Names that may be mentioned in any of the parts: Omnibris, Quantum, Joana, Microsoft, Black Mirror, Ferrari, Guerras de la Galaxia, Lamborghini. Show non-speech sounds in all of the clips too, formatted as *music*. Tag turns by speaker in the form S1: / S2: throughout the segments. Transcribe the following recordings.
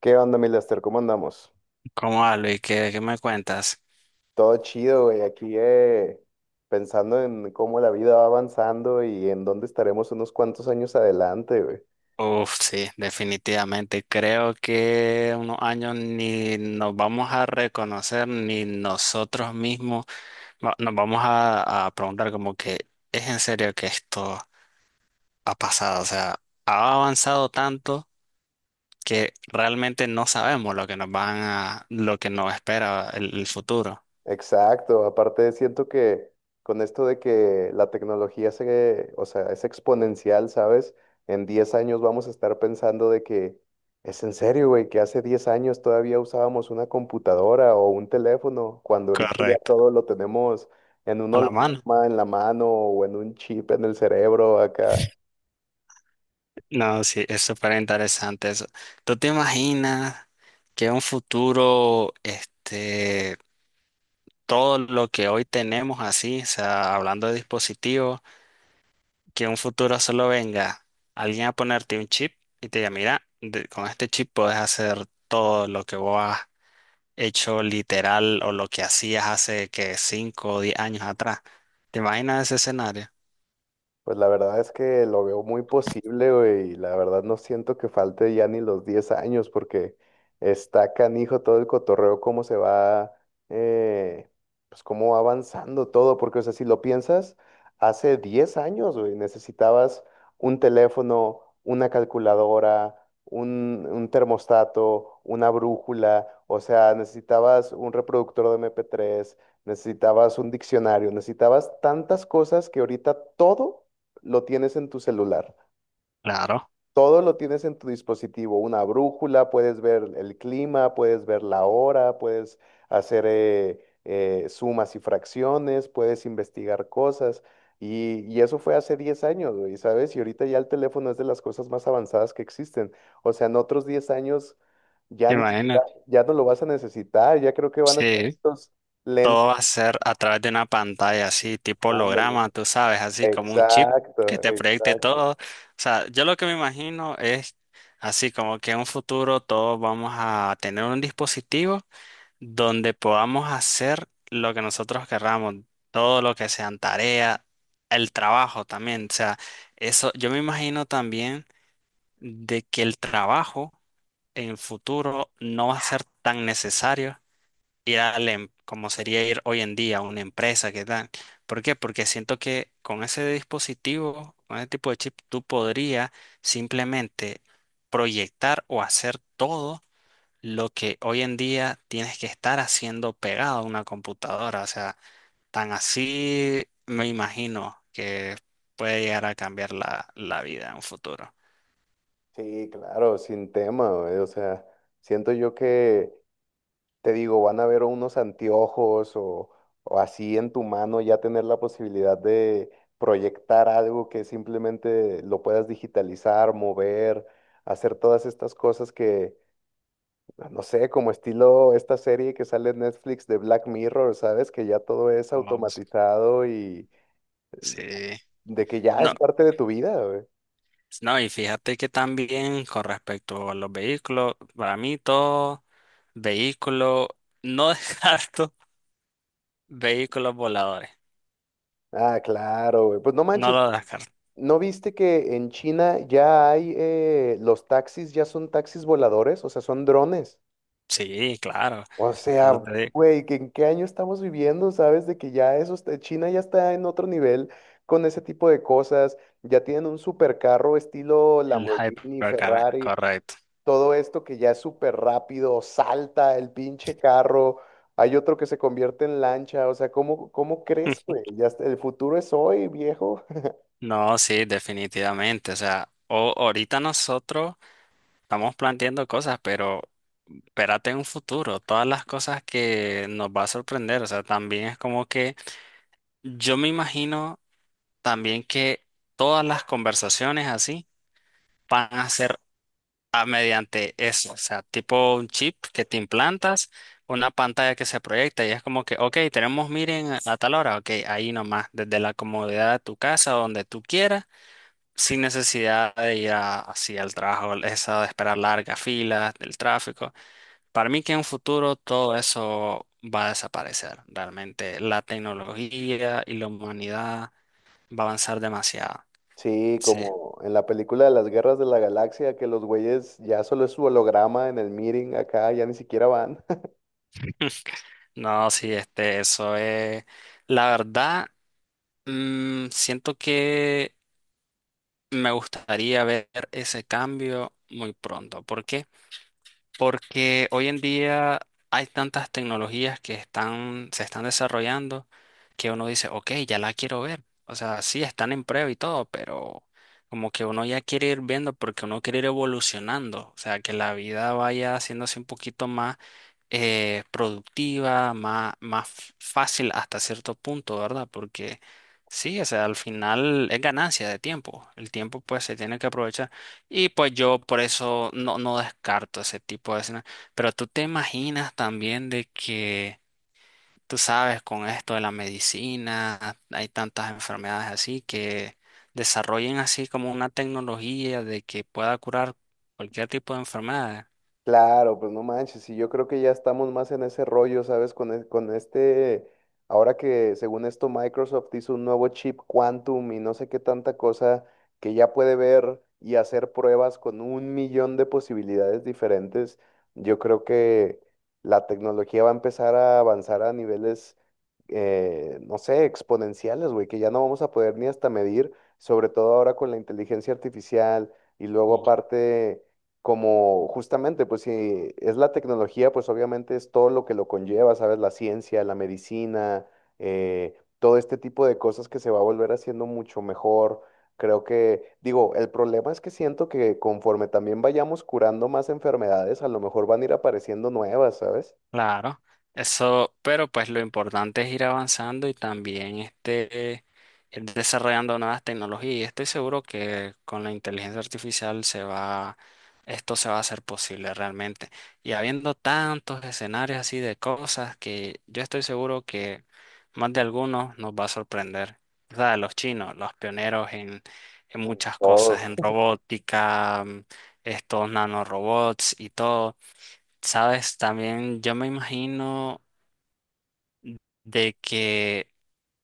S1: ¿Qué onda, mi Lester? ¿Cómo andamos?
S2: ¿Cómo va, Luis? ¿¿Qué me cuentas?
S1: Todo chido, güey. Aquí pensando en cómo la vida va avanzando y en dónde estaremos unos cuantos años adelante, güey.
S2: Uf, sí, definitivamente. Creo que unos años ni nos vamos a reconocer, ni nosotros mismos nos vamos a preguntar como que es en serio que esto ha pasado. O sea, ha avanzado tanto que realmente no sabemos lo que nos van a, lo que nos espera el futuro.
S1: Exacto, aparte siento que con esto de que la tecnología o sea, es exponencial, ¿sabes? En 10 años vamos a estar pensando de que es en serio, güey, que hace 10 años todavía usábamos una computadora o un teléfono, cuando ahorita ya
S2: Correcto.
S1: todo lo tenemos en un
S2: A la mano.
S1: holograma en la mano o en un chip en el cerebro acá.
S2: No, sí, es súper interesante eso. ¿Tú te imaginas que en un futuro, todo lo que hoy tenemos así, o sea, hablando de dispositivos, que en un futuro solo venga alguien a ponerte un chip y te diga, mira, con este chip puedes hacer todo lo que vos has hecho literal o lo que hacías hace que 5 o 10 años atrás? ¿Te imaginas ese escenario?
S1: Pues la verdad es que lo veo muy posible, güey, y la verdad no siento que falte ya ni los 10 años porque está canijo todo el cotorreo, cómo se va, eh, pues cómo va avanzando todo, porque o sea, si lo piensas, hace 10 años, güey, necesitabas un teléfono, una calculadora, un termostato, una brújula, o sea, necesitabas un reproductor de MP3, necesitabas un diccionario, necesitabas tantas cosas que ahorita todo lo tienes en tu celular.
S2: Claro,
S1: Todo lo tienes en tu dispositivo, una brújula, puedes ver el clima, puedes ver la hora, puedes hacer sumas y fracciones, puedes investigar cosas. Y eso fue hace 10 años, güey, ¿sabes? Y ahorita ya el teléfono es de las cosas más avanzadas que existen. O sea, en otros 10 años ya ni siquiera-
S2: imagínate.
S1: ya no lo vas a necesitar, ya creo que van a estar
S2: Sí.
S1: estos
S2: Todo va a
S1: lentes.
S2: ser a través de una pantalla así, tipo
S1: Ándale.
S2: holograma, tú sabes, así como un chip que
S1: Exacto,
S2: te proyecte
S1: exacto.
S2: todo. O sea, yo lo que me imagino es así como que en un futuro todos vamos a tener un dispositivo donde podamos hacer lo que nosotros querramos, todo lo que sean tareas, el trabajo también. O sea, eso yo me imagino también de que el trabajo en el futuro no va a ser tan necesario ir a como sería ir hoy en día a una empresa, ¿qué tal? ¿Por qué? Porque siento que con ese dispositivo, con ese tipo de chip, tú podrías simplemente proyectar o hacer todo lo que hoy en día tienes que estar haciendo pegado a una computadora. O sea, tan así me imagino que puede llegar a cambiar la vida en un futuro.
S1: Sí, claro, sin tema, güey. O sea, siento yo que, te digo, van a ver unos anteojos o así en tu mano ya tener la posibilidad de proyectar algo que simplemente lo puedas digitalizar, mover, hacer todas estas cosas que, ah, no sé, como estilo esta serie que sale en Netflix de Black Mirror, ¿sabes? Que ya todo es
S2: Oh, sí.
S1: automatizado y
S2: Sí.
S1: de que ya
S2: No,
S1: es parte de tu vida, güey.
S2: no, y fíjate que también con respecto a los vehículos, para mí todo vehículo, no *laughs* descarto vehículos voladores,
S1: Ah, claro, güey. Pues no
S2: no
S1: manches,
S2: lo descarto.
S1: ¿no viste que en China ya hay, los taxis ya son taxis voladores? O sea, son drones.
S2: Sí, claro,
S1: O sea,
S2: eso te digo,
S1: güey, ¿que ¿en qué año estamos viviendo? ¿Sabes? De que ya eso está- China ya está en otro nivel con ese tipo de cosas. Ya tienen un supercarro estilo
S2: el
S1: Lamborghini,
S2: hypercar,
S1: Ferrari,
S2: correcto.
S1: todo esto que ya es súper rápido, salta el pinche carro. Hay otro que se convierte en lancha. O sea, ¿cómo, cómo crees,
S2: *laughs*
S1: güey? Ya está- el futuro es hoy, viejo.
S2: No, sí, definitivamente, o sea, ahorita nosotros estamos planteando cosas, pero espérate en un futuro, todas las cosas que nos va a sorprender, o sea, también es como que yo me imagino también que todas las conversaciones así van a ser mediante eso, o sea, tipo un chip que te implantas, una pantalla que se proyecta y es como que, ok, tenemos miren a tal hora, ok, ahí nomás, desde la comodidad de tu casa, donde tú quieras, sin necesidad de así al trabajo, esa de esperar largas filas, del tráfico. Para mí que en un futuro todo eso va a desaparecer, realmente la tecnología y la humanidad va a avanzar demasiado.
S1: Sí,
S2: Sí.
S1: como en la película de las Guerras de la Galaxia, que los güeyes ya solo es su holograma en el meeting acá, ya ni siquiera van.
S2: No, sí, eso es. La verdad, siento que me gustaría ver ese cambio muy pronto. ¿Por qué? Porque hoy en día hay tantas tecnologías que están, se están desarrollando que uno dice, ok, ya la quiero ver. O sea, sí, están en prueba y todo, pero como que uno ya quiere ir viendo porque uno quiere ir evolucionando. O sea, que la vida vaya haciéndose un poquito más productiva, más, fácil hasta cierto punto, ¿verdad? Porque sí, o sea, al final es ganancia de tiempo. El tiempo pues se tiene que aprovechar. Y pues yo por eso no descarto ese tipo de escenas. Pero tú te imaginas también de que, tú sabes, con esto de la medicina, hay tantas enfermedades así que desarrollen así como una tecnología de que pueda curar cualquier tipo de enfermedad.
S1: Claro, pues no manches, y yo creo que ya estamos más en ese rollo, ¿sabes? Con este, ahora que según esto Microsoft hizo un nuevo chip Quantum y no sé qué tanta cosa que ya puede ver y hacer pruebas con 1 millón de posibilidades diferentes, yo creo que la tecnología va a empezar a avanzar a niveles, no sé, exponenciales, güey, que ya no vamos a poder ni hasta medir, sobre todo ahora con la inteligencia artificial y luego aparte como justamente, pues si es la tecnología, pues obviamente es todo lo que lo conlleva, ¿sabes? La ciencia, la medicina, todo este tipo de cosas que se va a volver haciendo mucho mejor. Creo que, digo, el problema es que siento que conforme también vayamos curando más enfermedades, a lo mejor van a ir apareciendo nuevas, ¿sabes?
S2: Claro, eso, pero pues lo importante es ir avanzando y también ir desarrollando nuevas tecnologías. Y estoy seguro que con la inteligencia artificial esto se va a hacer posible realmente. Y habiendo tantos escenarios así de cosas que yo estoy seguro que más de algunos nos va a sorprender. O sea, los chinos, los pioneros en muchas cosas,
S1: Todo.
S2: en robótica, estos nanorobots y todo. Sabes, también yo me imagino de que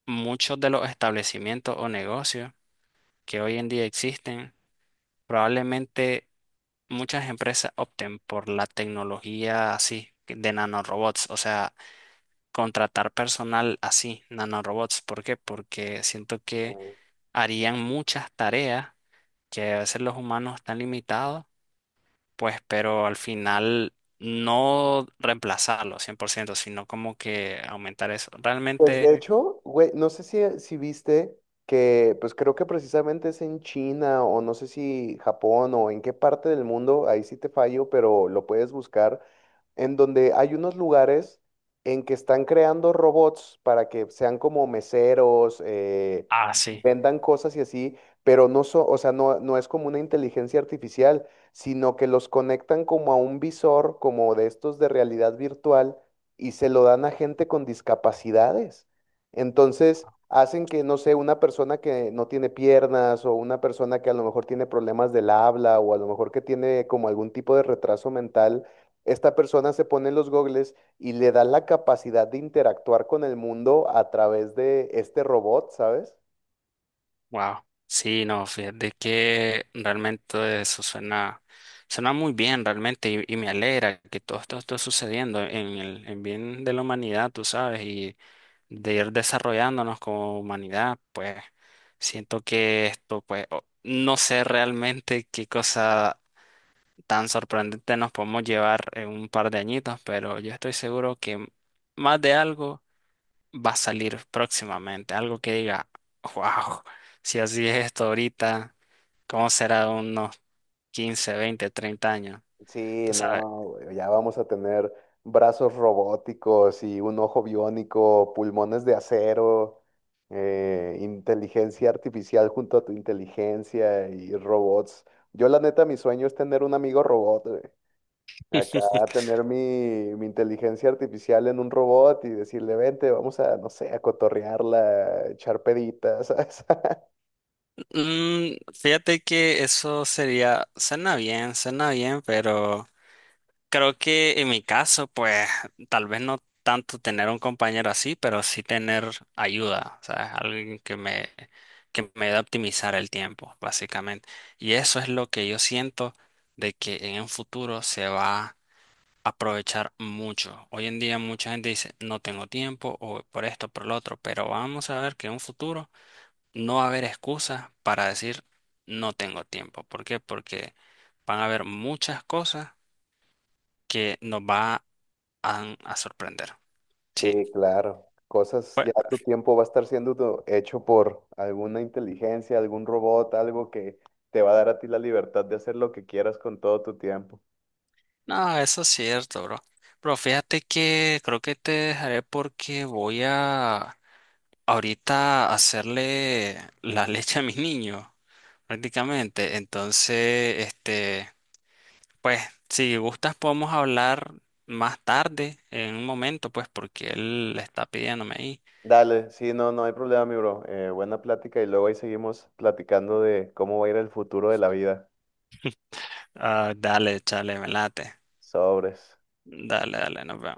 S2: muchos de los establecimientos o negocios que hoy en día existen, probablemente muchas empresas opten por la tecnología así de nanorobots, o sea, contratar personal así, nanorobots. ¿Por qué? Porque siento que harían muchas tareas que a veces los humanos están limitados pues, pero al final no reemplazarlo 100% sino como que aumentar eso.
S1: Pues
S2: Realmente,
S1: de hecho, güey, no sé si, si viste que, pues creo que precisamente es en China o no sé si Japón o en qué parte del mundo, ahí sí te fallo, pero lo puedes buscar en donde hay unos lugares en que están creando robots para que sean como meseros,
S2: ah, sí,
S1: vendan cosas y así, pero o sea, no, no es como una inteligencia artificial, sino que los conectan como a un visor, como de estos de realidad virtual, y se lo dan a gente con discapacidades. Entonces, hacen que, no sé, una persona que no tiene piernas o una persona que a lo mejor tiene problemas del habla o a lo mejor que tiene como algún tipo de retraso mental, esta persona se pone los gogles y le da la capacidad de interactuar con el mundo a través de este robot, ¿sabes?
S2: wow. Sí, no, fíjate que realmente eso suena, suena muy bien, realmente, y me alegra que todo esto esté sucediendo en el en bien de la humanidad, tú sabes, y de ir desarrollándonos como humanidad, pues siento que esto, pues, no sé realmente qué cosa tan sorprendente nos podemos llevar en un par de añitos, pero yo estoy seguro que más de algo va a salir próximamente, algo que diga, wow, si así es esto ahorita, ¿cómo será de unos 15, 20, 30 años?
S1: Sí,
S2: Tú sabes.
S1: no, güey, ya vamos a tener brazos robóticos y un ojo biónico, pulmones de acero, inteligencia artificial junto a tu inteligencia y robots. Yo la neta, mi sueño es tener un amigo robot, acá
S2: *laughs*
S1: tener mi, mi inteligencia artificial en un robot y decirle, vente, vamos a, no sé, a cotorrearla, a echar peditas, *laughs* ¿sabes?
S2: Mm, fíjate que eso sería, suena bien, pero creo que en mi caso, pues tal vez no tanto tener un compañero así, pero sí tener ayuda, sea, alguien que me ayude a optimizar el tiempo, básicamente. Y eso es lo que yo siento de que en un futuro se va a aprovechar mucho. Hoy en día mucha gente dice, no tengo tiempo o por esto, por lo otro, pero vamos a ver que en un futuro no va a haber excusas para decir, no tengo tiempo. ¿Por qué? Porque van a haber muchas cosas que nos va van a sorprender. Sí.
S1: Sí, claro. Cosas, ya
S2: Bueno,
S1: tu tiempo va a estar siendo hecho por alguna inteligencia, algún robot, algo que te va a dar a ti la libertad de hacer lo que quieras con todo tu tiempo.
S2: no, eso es cierto, bro. Pero fíjate que creo que te dejaré porque voy a ahorita hacerle la leche a mi niño, prácticamente. Entonces, pues, si gustas podemos hablar más tarde, en un momento, pues, porque él está pidiéndome ahí.
S1: Dale, sí, no, no hay problema, mi bro. Buena plática y luego ahí seguimos platicando de cómo va a ir el futuro de la vida.
S2: Ah, dale, chale, me late.
S1: Sobres.
S2: Dale, dale, nos vemos.